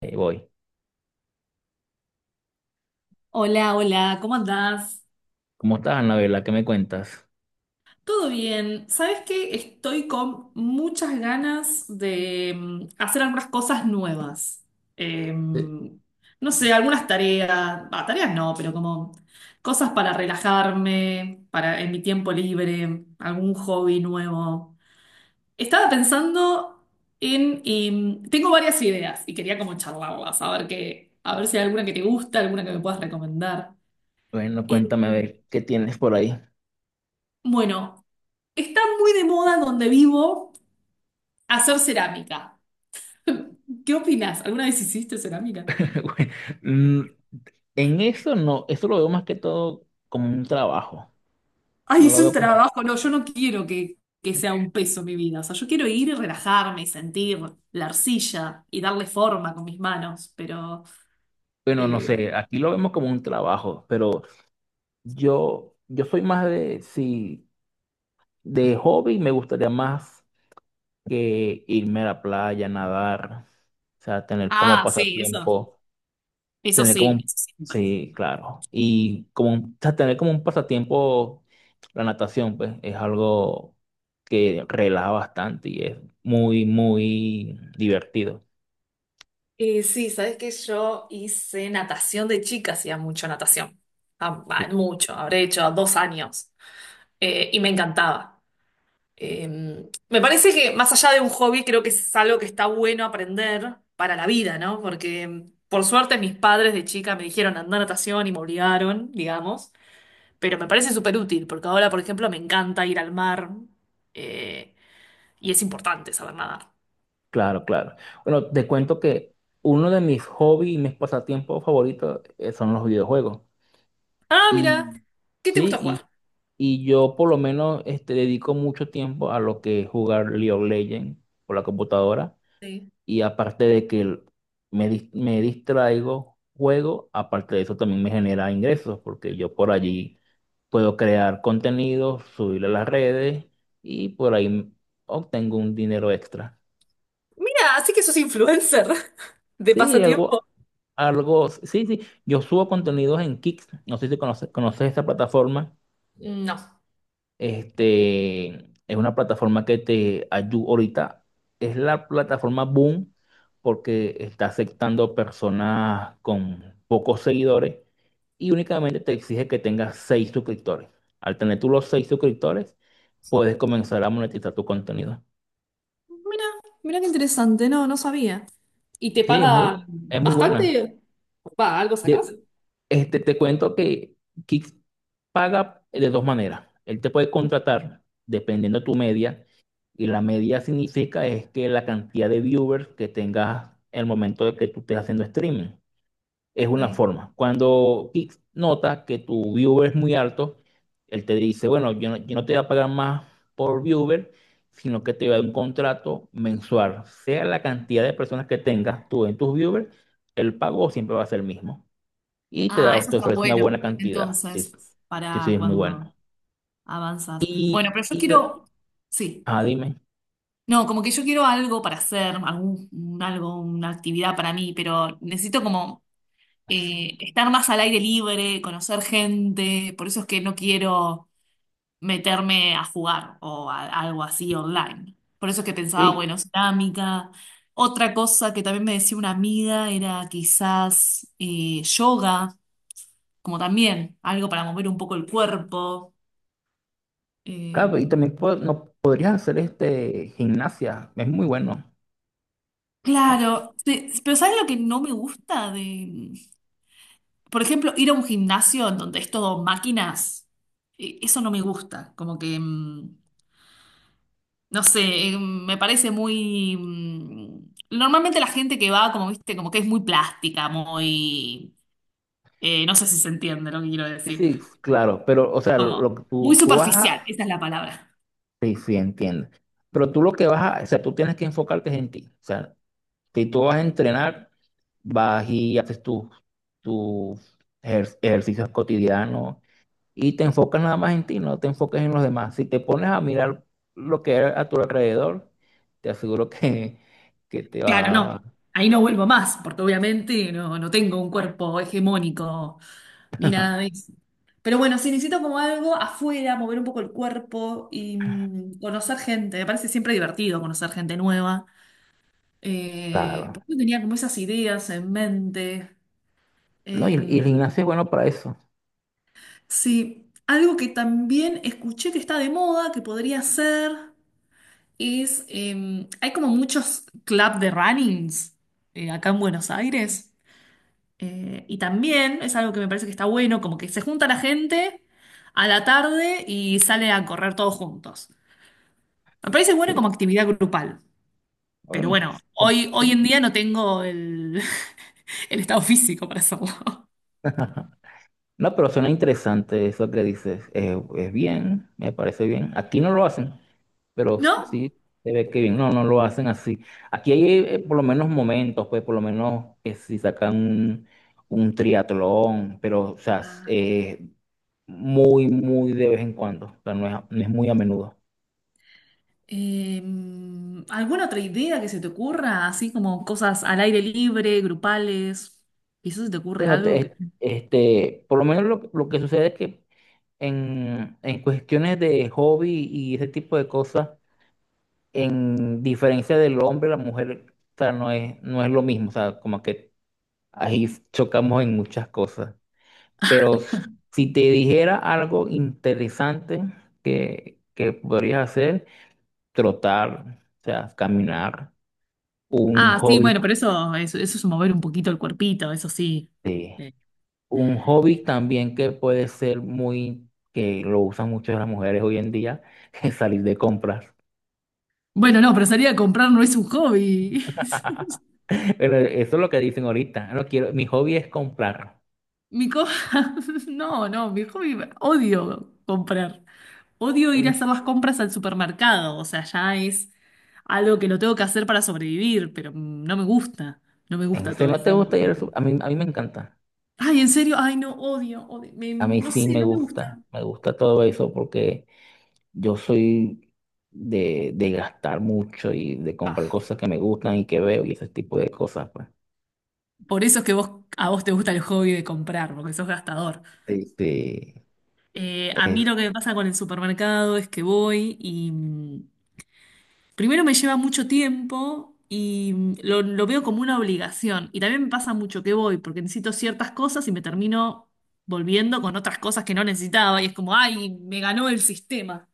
Ahí voy. Hola, hola, ¿cómo andás? ¿Cómo estás, Anabela? ¿Qué me cuentas? ¿Todo bien? ¿Sabes qué? Estoy con muchas ganas de hacer algunas cosas nuevas. Sí. No sé, algunas tareas, bah, tareas no, pero como cosas para relajarme, para en mi tiempo libre, algún hobby nuevo. Estaba pensando en, tengo varias ideas y quería como charlarlas, a ver qué, a ver si hay alguna que te gusta, alguna que me puedas recomendar. Bueno, Eh, cuéntame a ver qué tienes por ahí. bueno. Está muy de moda donde vivo hacer cerámica. ¿Qué opinas? ¿Alguna vez hiciste cerámica? Bueno, Mm, en eso no, eso lo veo más que todo como un trabajo. Ay, No es lo un veo como, trabajo. No, yo no quiero que sea un peso mi vida. O sea, yo quiero ir y relajarme y sentir la arcilla y darle forma con mis manos. Pero. bueno, no eh, sé, aquí lo vemos como un trabajo, pero yo soy más de, si de hobby me gustaría más que irme a la playa, nadar, o sea, tener como Ah, sí, eso. pasatiempo. Eso Tener como sí, un, eso siempre. sí, claro. Y como un- o sea, tener como un pasatiempo, la natación, pues, es algo que relaja bastante y es muy divertido. Sí, sabes que yo hice natación de chica, hacía mucho natación. Sí. Mucho, habré hecho 2 años. Y me encantaba. Eh, Me parece que más allá de un hobby, creo que es algo que está bueno aprender para la vida, ¿no? Porque por suerte mis padres de chica me dijeron andar a natación y me obligaron, digamos, pero me parece súper útil, porque ahora, por ejemplo, me encanta ir al mar eh, y es importante saber nadar. Claro, claro. Bueno, te cuento que uno de mis hobbies y mis pasatiempos favoritos son los videojuegos. Ah, mira, Y ¿qué te sí, gusta jugar? y yo por lo menos este, dedico mucho tiempo a lo que es jugar League of Legends por la computadora. Sí. Y aparte de que me, me distraigo, juego, aparte de eso también me genera ingresos, porque yo por allí puedo crear contenido, subirlo a las redes y por ahí obtengo un dinero extra. Mira, así que sos influencer de Sí, algo, pasatiempo. algo, sí, sí, yo subo contenidos en Kicks, no sé si conoces, conoces esa plataforma. No, Este, es una plataforma que te ayuda ahorita. Es la plataforma Boom porque está aceptando personas con pocos seguidores y únicamente te exige que tengas seis suscriptores. Al tener tú los seis suscriptores, puedes comenzar a monetizar tu contenido. mira, mira qué interesante, no, no sabía. ¿Y te Sí, paga es muy buena. bastante? Va, ¿algo sacás? De- este, te cuento que Kick paga de dos maneras. Él te puede contratar dependiendo de tu media y la media significa es que la cantidad de viewers que tengas en el momento de que tú estés haciendo streaming. Es una Sí. forma. Cuando Kick nota que tu viewer es muy alto, él te dice, bueno, yo no te voy a pagar más por viewer, sino que te voy a dar un contrato mensual. Sea la cantidad de personas que tengas tú en tus viewers, el pago siempre va a ser el mismo y te Ah, da, eso te está ofrece una buena bueno. cantidad. Sí, Entonces, sí, sí, para es muy bueno. cuando avanzas. Bueno, Y, pero yo y la- quiero, sí. ah, dime. No, como que yo quiero algo para hacer, algún, un algo, una actividad para mí, pero necesito como estar más al aire libre, conocer gente. Por eso es que no quiero meterme a jugar o a- algo así online. Por eso es que pensaba, Sí, bueno, cerámica. Otra cosa que también me decía una amiga era quizás yoga. Como también algo para mover un poco el cuerpo. Eh, claro, y también no, podrías hacer este gimnasia, es muy bueno. Ah, claro, sí, pero ¿sabes lo que no me gusta de, por ejemplo, ir a un gimnasio en donde es todo máquinas? Eso no me gusta, como que, no sé, me parece muy normalmente la gente que va, como viste, como que es muy plástica, muy... no sé si se entiende lo que quiero sí, decir. sí, claro, pero, o sea, lo Como que muy tú vas superficial, a, esa es la palabra. sí, sí, entiendo. Pero tú lo que vas a, o sea, tú tienes que enfocarte en ti. O sea, si tú vas a entrenar, vas y haces tus tus ejercicios cotidianos y te enfocas nada más en ti, no te enfocas en los demás. Si te pones a mirar lo que hay a tu alrededor, te aseguro que te Claro, va... no. Ahí no vuelvo más, porque obviamente no, no tengo un cuerpo hegemónico ni nada de eso. Pero bueno, sí necesito como algo afuera, mover un poco el cuerpo y conocer gente. Me parece siempre divertido conocer gente nueva. Claro. Porque yo tenía como esas ideas en mente. No, y Eh, el gimnasio es bueno para eso. sí, algo que también escuché que está de moda, que podría ser, es, hay como muchos club de runnings acá en Buenos Aires. Y también es algo que me parece que está bueno, como que se junta la gente a la tarde y sale a correr todos juntos. Me parece bueno Sí. como actividad grupal, pero Bueno, bueno, hoy sí. en día no tengo el, el estado físico para hacerlo. No, pero suena interesante eso que dices. Es bien, me parece bien. Aquí no lo hacen, pero ¿No? sí se ve que bien. No, no lo hacen así. Aquí hay por lo menos momentos, pues por lo menos que si sacan un triatlón, pero o sea, Ah, muy, muy de vez en cuando, o sea, no es, no es muy a menudo. ¿Alguna otra idea que se te ocurra? Así como cosas al aire libre, grupales. Quizás se te ocurre Bueno, algo que... este, por lo menos lo que sucede es que en cuestiones de hobby y ese tipo de cosas, en diferencia del hombre, la mujer, o sea, no es, no es lo mismo, o sea, como que ahí chocamos en muchas cosas. Pero si te dijera algo interesante que podrías hacer, trotar, o sea, caminar, un Ah, sí, hobby. bueno, pero eso es mover un poquito el cuerpito, eso sí. Sí. Eh, Un hobby también que puede ser muy, que lo usan mucho las mujeres hoy en día, es salir de compras. Bueno, no, pero salir a comprar no es un hobby. Pero eso es lo que dicen ahorita. No quiero, mi hobby es comprar. Mi co- No, no, mi hobby, odio comprar. Odio ir a En- hacer las compras al supermercado. O sea, ya es algo que lo tengo que hacer para sobrevivir, pero no me gusta. No me gusta Si todo no ese te gusta ir al ambiente. A mí me encanta. Ay, en serio, ay, no, odio, odio. Me- A mí no sí sé, me no me gusta. gusta. Me gusta todo eso porque yo soy de gastar mucho y de comprar Ah, cosas que me gustan y que veo y ese tipo de cosas, pues. por eso es que vos, a vos te gusta el hobby de comprar, porque sos gastador. Sí, sí, A mí es- lo que me pasa con el supermercado es que voy y. Primero me lleva mucho tiempo y lo veo como una obligación. Y también me pasa mucho que voy porque necesito ciertas cosas y me termino volviendo con otras cosas que no necesitaba. Y es como, ay, me ganó el sistema.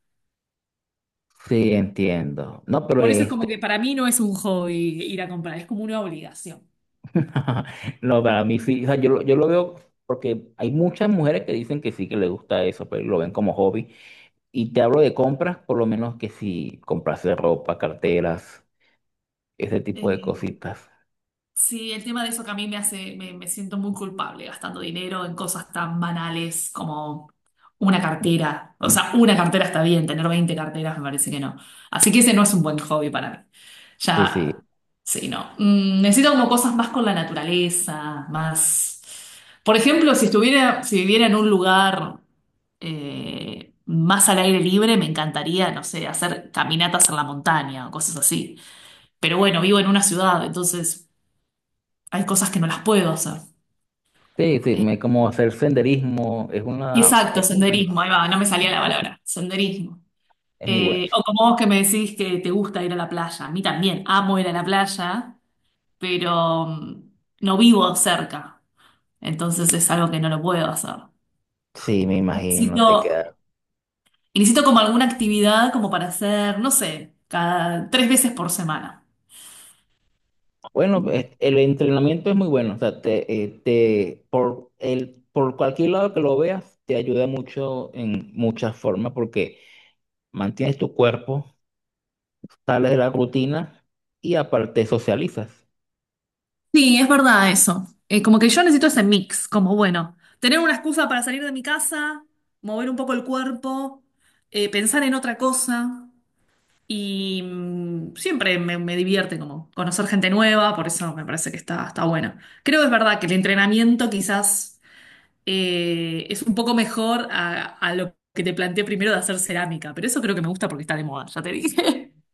sí, entiendo. No, pero Por eso es como este. que para mí no es un hobby ir a comprar, es como una obligación. No, para mí sí, o sea, yo, yo lo veo porque hay muchas mujeres que dicen que sí, que les gusta eso, pero lo ven como hobby. Y te hablo de compras, por lo menos que si comprarse ropa, carteras, ese tipo de Eh, cositas. Sí, el tema de eso que a mí me hace, me siento muy culpable gastando dinero en cosas tan banales como una cartera. O sea, una cartera está bien, tener 20 carteras me parece que no. Así que ese no es un buen hobby para mí. Sí, sí, Ya, sí, no. Necesito como cosas más con la naturaleza, más... Por ejemplo, si estuviera, si viviera en un lugar más al aire libre, me encantaría, no sé, hacer caminatas en la montaña o cosas así. Pero bueno, vivo en una ciudad, entonces hay cosas que no las puedo hacer. sí, sí, Eh, me, como hacer senderismo, es una, exacto, es muy bueno, senderismo, ahí va, no me salía la palabra, senderismo. es muy bueno. O como vos que me decís que te gusta ir a la playa, a mí también, amo ir a la playa, pero no vivo cerca, entonces es algo que no lo puedo hacer. Sí, me imagino, te Necesito, queda. y necesito como alguna actividad como para hacer, no sé, cada tres veces por semana. Bueno, pues, el entrenamiento es muy bueno, o sea, te, te, por, el, por cualquier lado que lo veas, te ayuda mucho en muchas formas porque... mantienes tu cuerpo, sales de la rutina y aparte socializas. Sí, es verdad eso. Como que yo necesito ese mix, como bueno, tener una excusa para salir de mi casa, mover un poco el cuerpo, pensar en otra cosa y siempre me, me divierte como conocer gente nueva, por eso me parece que está, está bueno. Creo que es verdad que el entrenamiento quizás es un poco mejor a lo que te planteé primero de hacer cerámica, pero eso creo que me gusta porque está de moda, ya te dije.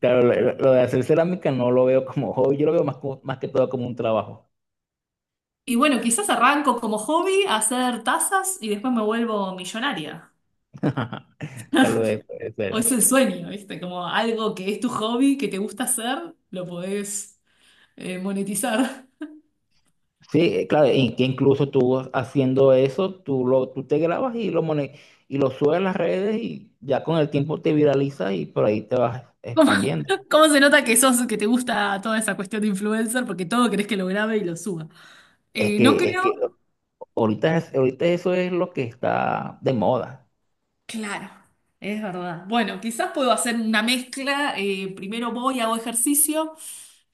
Claro, lo, lo de hacer cerámica no lo veo como hobby, yo lo veo más, más que todo como un trabajo. Y bueno, quizás arranco como hobby a hacer tazas y después me vuelvo millonaria. Tal vez puede O ser. es el sueño, ¿viste? Como algo que es tu hobby, que te gusta hacer, lo podés monetizar. Sí, claro, y que incluso tú haciendo eso, tú, lo, tú te grabas y lo, y lo subes a las redes y ya con el tiempo te viraliza y por ahí te vas ¿Cómo, expandiendo. cómo se nota que sos, que te gusta toda esa cuestión de influencer? Porque todo querés que lo grabe y lo suba. Es No que, es creo. que ahorita, ahorita eso es lo que está de moda. Claro, es verdad. Bueno, quizás puedo hacer una mezcla. Primero voy, hago ejercicio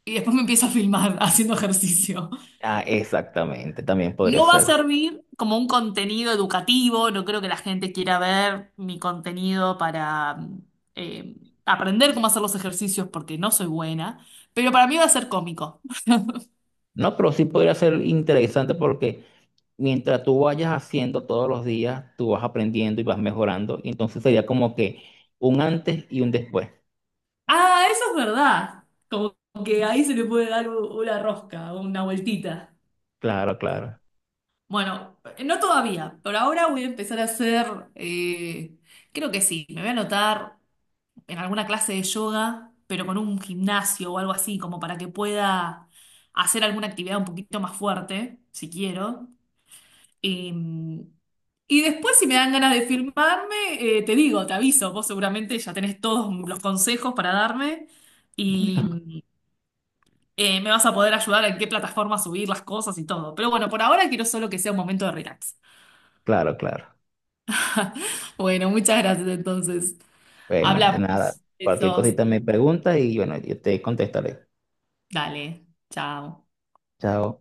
y después me empiezo a filmar haciendo ejercicio. Ah, exactamente, también podría No va a ser. servir como un contenido educativo, no creo que la gente quiera ver mi contenido para eh, aprender cómo hacer los ejercicios porque no soy buena, pero para mí va a ser cómico. No, pero sí podría ser interesante porque mientras tú vayas haciendo todos los días, tú vas aprendiendo y vas mejorando. Y entonces sería como que un antes y un después. Ah, eso es verdad. Como que ahí se le puede dar u- una rosca, una vueltita. Claro, claro, Bueno, no todavía, pero ahora voy a empezar a hacer, creo que sí, me voy a anotar en alguna clase de yoga, pero con un gimnasio o algo así, como para que pueda hacer alguna actividad un poquito más fuerte, si quiero. Em, y después, si me dan ganas de filmarme, te digo, te aviso, vos seguramente ya tenés todos los consejos para darme y me vas a poder ayudar en qué plataforma subir las cosas y todo. Pero bueno, por ahora quiero solo que sea un momento de relax. claro, claro. Bueno, muchas gracias entonces. Bueno, de nada. Hablamos. Cualquier Besos. cosita me preguntas y bueno, yo te contestaré. Dale. Chao. Chao.